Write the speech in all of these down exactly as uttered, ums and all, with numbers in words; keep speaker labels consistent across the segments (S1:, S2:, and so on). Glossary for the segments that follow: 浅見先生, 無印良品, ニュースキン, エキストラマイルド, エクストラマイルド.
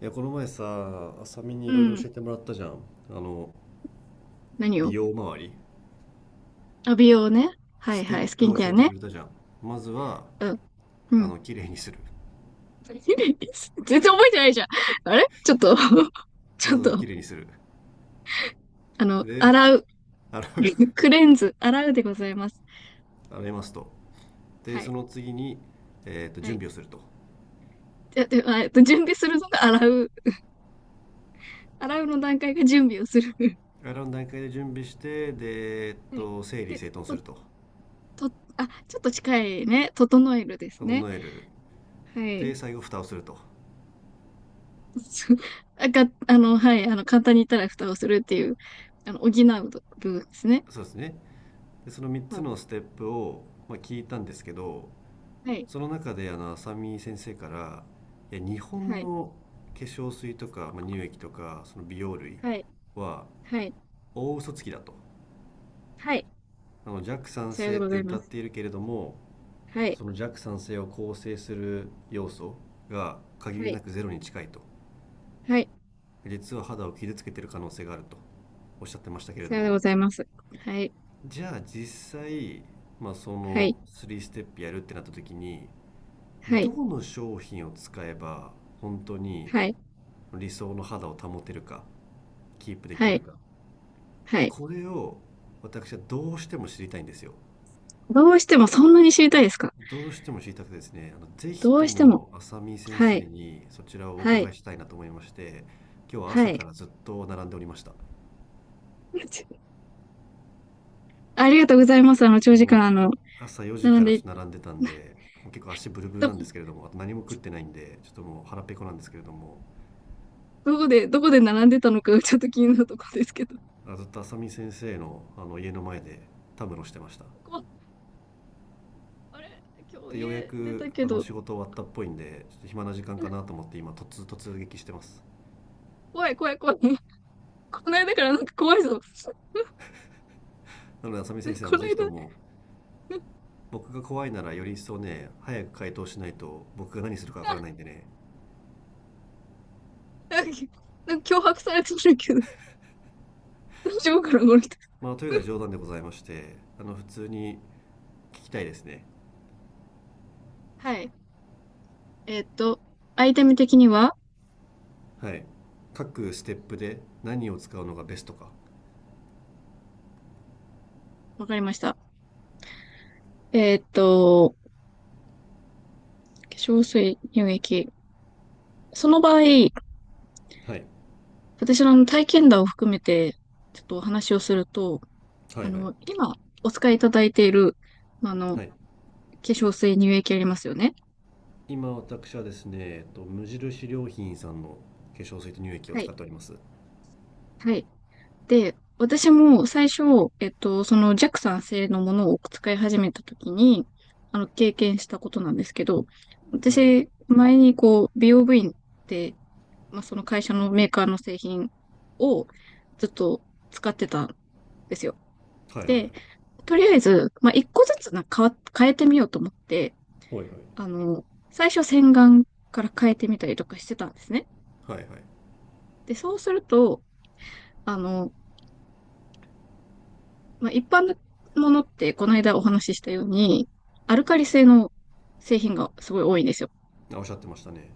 S1: いや、この前さあ、さみに
S2: う
S1: いろいろ教
S2: ん。
S1: えてもらったじゃん。あの
S2: 何
S1: 美
S2: を？
S1: 容周り、
S2: あ、美容ね。はい
S1: ステ
S2: は
S1: ッ
S2: い。スキ
S1: プ
S2: ン
S1: を
S2: ケ
S1: 教
S2: ア
S1: えて
S2: ね。
S1: くれたじゃん。まずは
S2: うん。う
S1: あ
S2: ん。
S1: の綺麗にする。
S2: 全然覚えてないじゃん。あれちょっと
S1: ま
S2: ちょっ
S1: ずは綺
S2: と、
S1: 麗にする。
S2: あの、
S1: で、
S2: 洗う。
S1: 洗う。
S2: クレンズ。洗うでございます。
S1: 洗いますと、で
S2: は
S1: そ
S2: い。
S1: の次に、えーっと
S2: は
S1: 準
S2: い。
S1: 備をすると。
S2: じゃ、で、あえっと、準備するのが洗う。洗うの段階が準備をする。
S1: 洗う段階で準備してで、えっ
S2: はい。
S1: と整理
S2: で、
S1: 整頓す
S2: と、
S1: ると。
S2: と、あ、ちょっと近いね。整えるですね。
S1: 整える。
S2: は
S1: で
S2: い。
S1: 最後蓋をすると。
S2: そう。あ、が、あの、はい。あの、簡単に言ったら蓋をするっていう、あの、補う部分ですね。
S1: そうですね。でその3
S2: は
S1: つ
S2: い。
S1: のステップを、まあ、聞いたんですけど。
S2: はい
S1: その中であの浅見先生から、いや日本
S2: はい、
S1: の化粧水とか、まあ、乳液とかその美容類
S2: はい、
S1: は
S2: はい、
S1: 大嘘つきだと。
S2: はい。
S1: あの弱酸
S2: さようで
S1: 性っ
S2: ござ
S1: て
S2: いま
S1: 歌っ
S2: す。
S1: ているけれども、
S2: はい、
S1: その弱酸性を構成する要素が限
S2: は
S1: りな
S2: い、
S1: くゼロに近いと。
S2: はい。
S1: 実は肌を傷つけている可能性があるとおっしゃってましたけれ
S2: さ
S1: ど
S2: ようで
S1: も、
S2: ございます。はい、
S1: じゃあ実際、まあ、そ
S2: は
S1: の
S2: い、
S1: さんステップやるってなった時に、
S2: は
S1: ど
S2: い、
S1: の商品を使えば本当に
S2: はい、
S1: 理想の肌を保てるか、キープでき
S2: は
S1: る
S2: い、
S1: か、
S2: はい。
S1: これを私はどうしても知りたいんですよ。
S2: どうしてもそんなに知りたいですか？
S1: どうしても知りたくてですね、あのぜひ
S2: ど
S1: と
S2: うしても。
S1: も浅見先
S2: は
S1: 生
S2: い、
S1: にそちらをお
S2: はい、
S1: 伺いしたいなと思いまして、今日は
S2: は
S1: 朝か
S2: い。
S1: らずっと並んでおりました。
S2: ありがとうございます。あの、長時間、
S1: も
S2: あの、
S1: う朝よじ
S2: 並
S1: か
S2: ん
S1: らちょ
S2: で、
S1: っと並んでたんで、もう結構足ブルブル
S2: ど、
S1: なんですけれども、あと何も食ってないんでちょっともう腹ペコなんですけれども、
S2: どこで、どこで並んでたのか、ちょっと気になるとこですけど。
S1: あ、ずっと浅見先生のあの家の前でたむろしてました。
S2: こ、あれ、今日
S1: でようや
S2: 家出
S1: く
S2: たけ
S1: あの
S2: ど、
S1: 仕事終わったっぽいんでちょっと暇な時間かなと思って、今突突撃してます。
S2: 怖い、怖い、怖い。この間からなんか怖いぞ。
S1: なので浅見
S2: ね
S1: 先生、あ
S2: こ
S1: の
S2: の
S1: ぜひと
S2: 間、
S1: も、僕が怖いならより一層ね、早く回答しないと僕が何するかわからないんでね。
S2: なんか脅迫されてるけど、大丈夫かな、この人。
S1: まあというのは冗談でございまして、あの普通に聞きたいですね。
S2: はい。えーっと、アイテム的には
S1: はい、各ステップで何を使うのがベストか。
S2: わかりました。えーっと、化粧水、乳液。その場合、
S1: はい、
S2: 私のの体験談を含めて、ちょっとお話をすると、
S1: は
S2: あ
S1: い、はい、
S2: の、今お使いいただいている、まああの、
S1: は
S2: 化
S1: い。
S2: 粧水、乳液ありますよね。
S1: 今私はですね、えっと、無印良品さんの化粧水と乳液を
S2: は
S1: 使
S2: い。
S1: っております。
S2: はい。で、私も最初、えっと、そのジャクさん製のものを使い始めた時に、あの、経験したことなんですけど、
S1: はい、はい、
S2: 私、前にこう、美容部員って、まあ、その会社のメーカーの製品をずっと使ってたんですよ。
S1: はい、はい、はい、
S2: で、とりあえず、まあ、一個ずつな、変わ、変えてみようと思って、
S1: はい、は
S2: あの、最初洗顔から変えてみたりとかしてたんですね。
S1: い、はい。
S2: で、そうすると、あの、まあ、一般のものって、この間お話ししたように、アルカリ性の製品がすごい多いんですよ。
S1: おっしゃってましたね。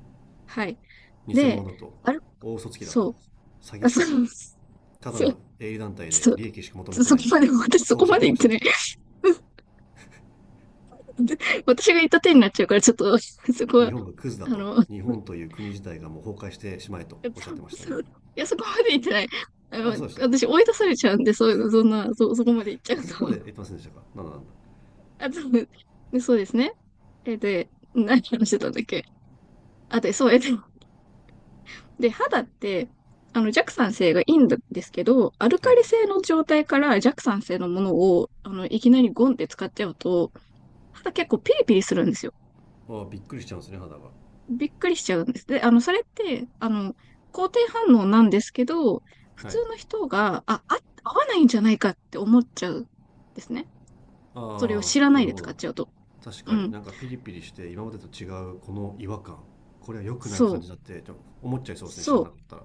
S2: はい。
S1: 偽物
S2: で、
S1: だと。
S2: アル、
S1: 大嘘つきだと。
S2: そう。
S1: 詐欺
S2: あ、
S1: 師
S2: そ
S1: だと。
S2: う、
S1: ただ
S2: そ
S1: の
S2: う、
S1: 営利団体
S2: ち
S1: で
S2: ょっ
S1: 利益しか求め
S2: と、
S1: て
S2: そ
S1: な
S2: こ
S1: いと、
S2: まで、私そ
S1: そうお
S2: こ
S1: っしゃ
S2: ま
S1: っ
S2: で
S1: て
S2: 言
S1: ま
S2: っ
S1: した
S2: てない。
S1: ね。
S2: で、私が言った手になっちゃうから、ちょっと、そこ
S1: 日
S2: は、
S1: 本がクズだ
S2: あ
S1: と、
S2: の、
S1: 日本という国自体がもう崩壊してしまえとおっしゃってました
S2: そ
S1: ね。
S2: ういや、そこまで言ってない。あ
S1: あ、そ
S2: の、
S1: うでしたか。
S2: 私追い出されちゃうんで、そういうの、そんな、そ、そこまで言っちゃ
S1: あ、
S2: う
S1: そこま
S2: と。
S1: で言ってませんでしたか。なんだなん
S2: あと、でそうですね。え、で、何話してたんだっけ？あ、で、そう、え、で、で、肌って、あの、弱酸性がいいんですけど、アル
S1: だ。
S2: カ
S1: は
S2: リ
S1: い。
S2: 性の状態から弱酸性のものを、あの、いきなりゴンって使っちゃうと、肌結構ピリピリするんですよ。
S1: ああ、びっくりしちゃうんですね肌が。
S2: びっくりしちゃうんです。で、あの、それって、あの、肯定反応なんですけど、普
S1: は
S2: 通
S1: い。
S2: の人が、あ、あ、合わないんじゃないかって思っちゃうんですね。それを
S1: あ
S2: 知ら
S1: あ、
S2: な
S1: な
S2: い
S1: る
S2: で
S1: ほ
S2: 使っ
S1: ど。
S2: ちゃうと。
S1: 確
S2: う
S1: かに
S2: ん。
S1: なんかピリピリして今までと違うこの違和感、これは良くない
S2: そ
S1: 感
S2: う。
S1: じだってちょっと思っちゃいそうですね、知ら
S2: そ
S1: な
S2: う。
S1: かったら。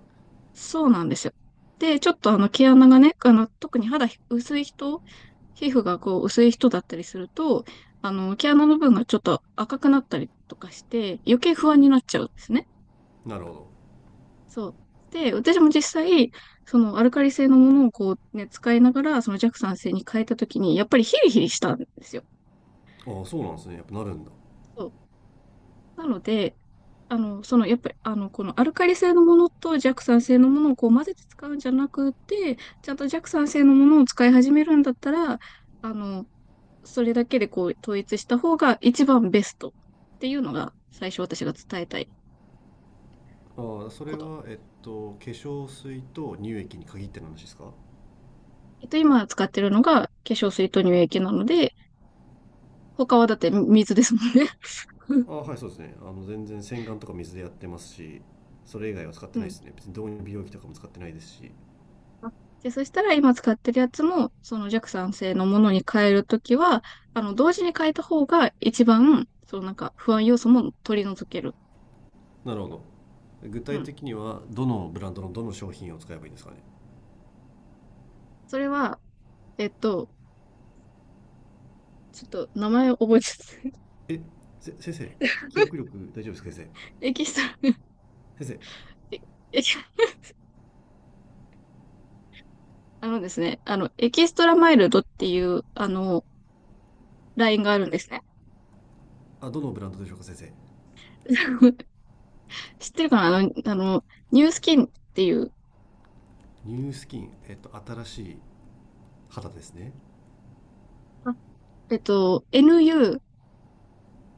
S2: そうなんですよ。で、ちょっとあの毛穴がね、あの、特に肌薄い人、皮膚がこう薄い人だったりすると、あの、毛穴の部分がちょっと赤くなったりとかして、余計不安になっちゃうんですね。
S1: なるほ
S2: そう。で、私も実際、そのアルカリ性のものをこうね、使いながら、その弱酸性に変えたときに、やっぱりヒリヒリしたんですよ。
S1: ど。ああ、そうなんですね。やっぱなるんだ。
S2: そう。なので、あの、その、やっぱり、あの、このアルカリ性のものと弱酸性のものをこう混ぜて使うんじゃなくて、ちゃんと弱酸性のものを使い始めるんだったら、あの、それだけでこう統一した方が一番ベストっていうのが最初私が伝えたい
S1: ああ、それ
S2: こと。
S1: は、えっと、化粧水と乳液に限っての話ですか？
S2: えっと、今使ってるのが化粧水と乳液なので、他はだって水ですもんね。
S1: あ あ、はい、そうですね。あの、全然洗顔とか水でやってますし、それ以外は使っ
S2: う
S1: てない
S2: ん。
S1: ですね。別に導入美容液とかも使ってないですし。
S2: で、そしたら今使ってるやつも、その弱酸性のものに変えるときは、あの、同時に変えた方が一番、そのなんか不安要素も取り除ける。
S1: なるほど。具
S2: う
S1: 体
S2: ん。
S1: 的には、どのブランドのどの商品を使えばいいんですかね？
S2: それは、えっと、ちょっと名前を覚えて
S1: え、せ、先生、記憶力大丈夫ですか、先
S2: エキストラ、
S1: 生。先生、
S2: エキ、あのですね、あの、エキストラマイルドっていう、あの、ラインがあるんですね。
S1: あ、どのブランドでしょうか、先生。
S2: 知ってるかな。あの、あの、ニュースキンっていう、
S1: ニュースキン、えっと、新しい肌ですね。
S2: あえっと、エヌユー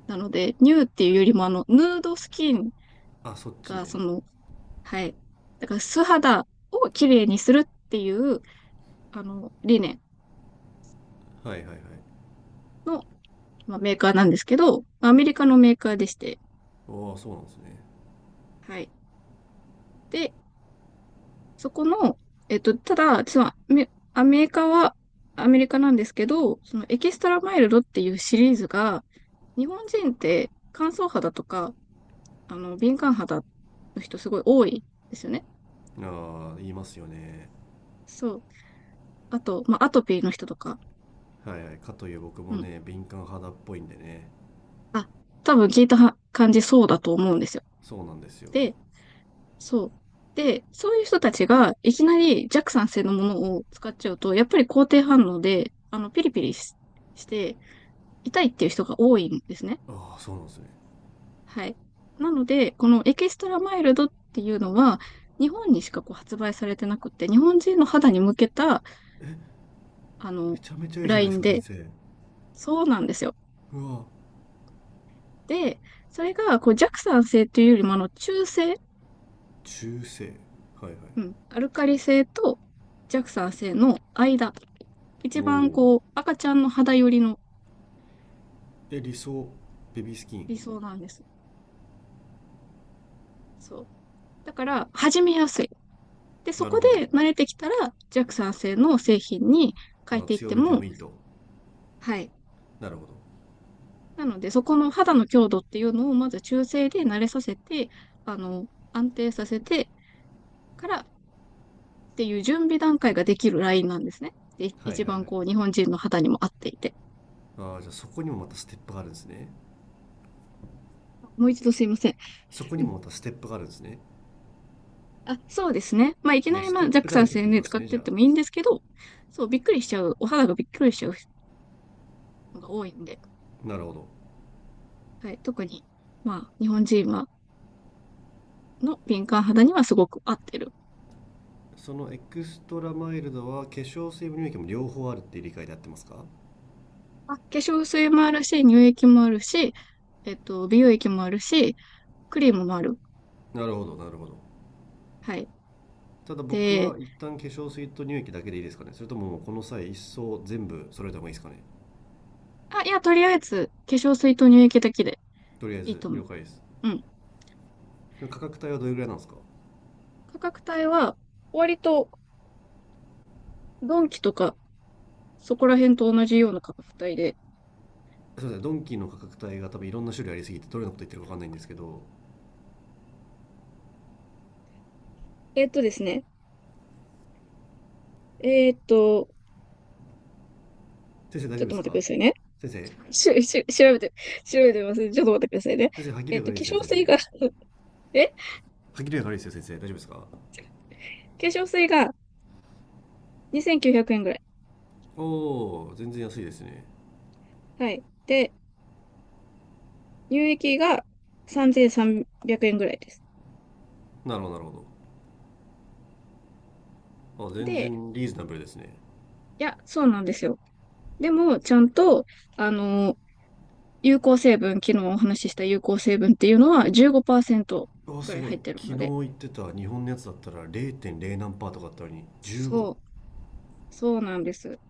S2: なので、ニューっていうよりも、あの、ヌードスキン
S1: あ、そっち
S2: が、そ
S1: ね。
S2: の、はい。だから、素肌を綺麗にするっていう、あの、理念
S1: はい、はい、はい。
S2: の、まあ、メーカーなんですけど、アメリカのメーカーでして、
S1: ああ、そうなんですね。
S2: はい。で、そこの、えっと、ただ、そのアメアメリカはアメリカなんですけど、そのエキストラマイルドっていうシリーズが、日本人って乾燥肌とか、あの、敏感肌の人すごい多いですよね。
S1: ああ、言いますよね。
S2: そう。あと、まあ、アトピーの人とか、
S1: はい、はいかという僕
S2: う
S1: も
S2: ん。
S1: ね、敏感肌っぽいんでね。
S2: あ、多分聞いたは感じそうだと思うんですよ。
S1: そうなんですよ。
S2: で、そう。で、そういう人たちがいきなり弱酸性のものを使っちゃうと、やっぱり肯定反応で、あの、ピリピリしして、痛いっていう人が多いんですね。
S1: ああ、そうなんですね。
S2: はい。なので、このエキストラマイルドっていうのは、日本にしかこう発売されてなくて、日本人の肌に向けた、あの、
S1: めちゃめちゃいいじゃ
S2: ラ
S1: な
S2: イ
S1: いで
S2: ン
S1: すか先
S2: で、
S1: 生。
S2: そうなんですよ。
S1: うわ。
S2: で、それが、こう、弱酸性というよりも、あの、中性、
S1: 中性、はい、はい。
S2: うん、アルカリ性と弱酸性の間、一
S1: お
S2: 番、
S1: お。
S2: こう、赤ちゃんの肌寄りの
S1: で理想、ベビースキン。
S2: 理想なんです。そう。だから、始めやすい。で、そ
S1: なる
S2: こ
S1: ほど。
S2: で慣れてきたら、弱酸性の製品に
S1: あ
S2: 変え
S1: ー、
S2: ていっ
S1: 強
S2: て
S1: めても
S2: も、
S1: いいと。
S2: はい。
S1: なるほど。
S2: なので、そこの肌の強度っていうのをまず中性で慣れさせて、あの、安定させてからっていう準備段階ができるラインなんですね。で、
S1: はい、は
S2: 一
S1: い、はい。
S2: 番こう、日本人の肌にも合っていて。
S1: ああ、じゃあそこにもまたステップがあるんですね。
S2: もう一度すいません。
S1: そこ
S2: う
S1: に
S2: ん。
S1: もまたステップがあるんですね。
S2: あ、そうですね。まあ、いき
S1: も
S2: な
S1: う
S2: り
S1: ス
S2: ま
S1: テ
S2: あ、
S1: ッ
S2: ジャッ
S1: プ
S2: ク
S1: だ
S2: さん
S1: らけっ
S2: 宣
S1: てこ
S2: 伝
S1: とで
S2: 使
S1: す
S2: っ
S1: ねじ
S2: てっ
S1: ゃあ。
S2: てもいいんですけど、そう、びっくりしちゃう、お肌がびっくりしちゃうのが多いんで、
S1: なるほど。
S2: はい、特に、まあ、日本人は、の敏感肌にはすごく合ってる。
S1: そのエクストラマイルドは化粧水も乳液も両方あるっていう理解でやってますか？
S2: あ、化粧水もあるし、乳液もあるし、えっと、美容液もあるし、クリームもある。
S1: なるほど、なるほど。
S2: はい。
S1: ただ僕
S2: で、
S1: は一旦化粧水と乳液だけでいいですかね、それとももうこの際一層全部揃えた方がいいですかね？
S2: あ、いや、とりあえず、化粧水と乳液だけで
S1: とりあえ
S2: いい
S1: ず
S2: と思
S1: 了
S2: う。
S1: 解です。
S2: うん。
S1: でも価格帯はどれぐらいなんですか？
S2: 価格帯は、割と、ドンキとか、そこら辺と同じような価格帯で。
S1: すいません、ドンキーの価格帯が多分いろんな種類ありすぎてどれのこと言ってるか分かんないんですけど。
S2: えーっとですね。えーっと、
S1: 先生大
S2: ち
S1: 丈
S2: ょ
S1: 夫
S2: っ
S1: で
S2: と
S1: す
S2: 待ってく
S1: か、
S2: ださいね。
S1: 先生。
S2: し、し、調べて、調べてみますね。ちょっと待ってくださいね。
S1: 先生、歯切
S2: えー
S1: れ
S2: っ
S1: が
S2: と、
S1: 悪
S2: 化
S1: いですね
S2: 粧
S1: 先
S2: 水
S1: 生。
S2: が え、
S1: 歯切れが悪いですよ先生、大丈夫ですか？
S2: 化粧水がにせんきゅうひゃくえんぐらい。
S1: おお。全然安いですね。
S2: はい。で、乳液がさんぜんさんびゃくえんぐらいです。
S1: なるほど、なるほど。あ、全
S2: で、
S1: 然リーズナブルですね。
S2: いや、そうなんですよ。でも、ちゃんと、あの有効成分、昨日お話しした有効成分っていうのはじゅうごパーセント
S1: あ、
S2: ぐ
S1: す
S2: らい
S1: ご
S2: 入
S1: い、
S2: ってる
S1: 昨
S2: の
S1: 日
S2: で。
S1: 言ってた日本のやつだったられいてんれい何パーとかあったのに
S2: そ
S1: じゅうご。
S2: う、そうなんです。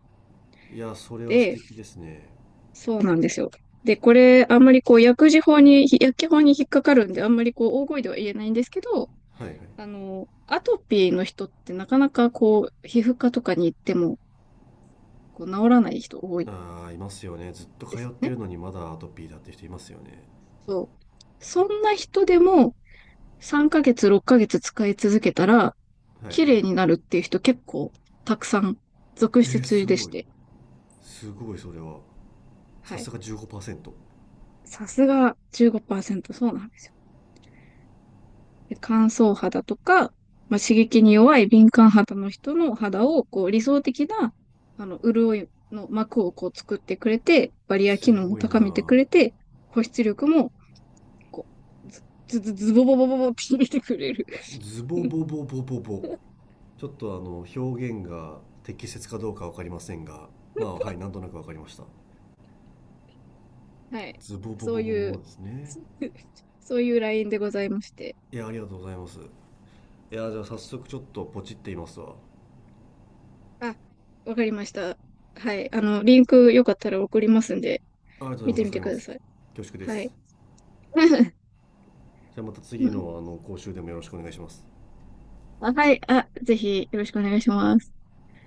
S1: いや、それは素
S2: で、
S1: 敵ですね。
S2: そうなんですよ。で、これ、あんまりこう、薬事法に、薬機法に引っかかるんで、あんまりこう、大声では言えないんですけど、
S1: はい、はい。
S2: あの、アトピーの人ってなかなかこう、皮膚科とかに行っても、こう、治らない人多い
S1: ああ、いますよね、ずっと
S2: で
S1: 通
S2: す
S1: っ
S2: よ
S1: て
S2: ね。
S1: るのにまだアトピーだって人いますよね。
S2: そう。そんな人でも、さんかげつ、ろっかげつ使い続けたら、
S1: はい、はい。
S2: 綺麗になるっていう人結構たくさん続
S1: えー、
S2: 出
S1: す
S2: でし
S1: ごい、
S2: て。
S1: すごいそれは。さ
S2: は
S1: す
S2: い。
S1: がじゅうごパーセント。
S2: さすがじゅうごパーセント。そうなんですよ。で、乾燥肌とか、まあ、刺激に弱い敏感肌の人の肌をこう理想的なあの潤いの膜をこう作ってくれて、バリア機
S1: す
S2: 能も
S1: ごい
S2: 高めて
S1: な。
S2: くれて、保湿力もこう、ズズズズボボボボボって入てくれる。
S1: ズボ ボボボボボ。ちょっとあの表現が適切かどうかわかりませんが、まあ、はい、なんとなくわかりました。
S2: はい。
S1: ズボボ
S2: そう
S1: ボボ
S2: い
S1: ボ
S2: う、
S1: ですね。
S2: そういうラインでございまして。
S1: いや、ありがとうございます。いや、じゃあ早速ちょっとポチっていますわ。
S2: あ、わかりました。はい。あの、リンクよかったら送りますんで、
S1: ありがと
S2: 見
S1: う
S2: て
S1: ご
S2: み
S1: ざ
S2: て
S1: います、助かり
S2: く
S1: ま
S2: だ
S1: す。
S2: さい。
S1: 恐縮で
S2: はい。
S1: す。 じゃあまた
S2: う
S1: 次の
S2: ん
S1: あの講習でもよろしくお願いします。
S2: あ、はい。あ、ぜひよろしくお願いします。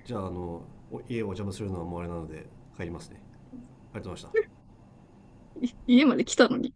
S1: じゃあ、あの家をお邪魔するのはもうあれなので、帰りますね。ありがとうございました。
S2: 家まで来たのに。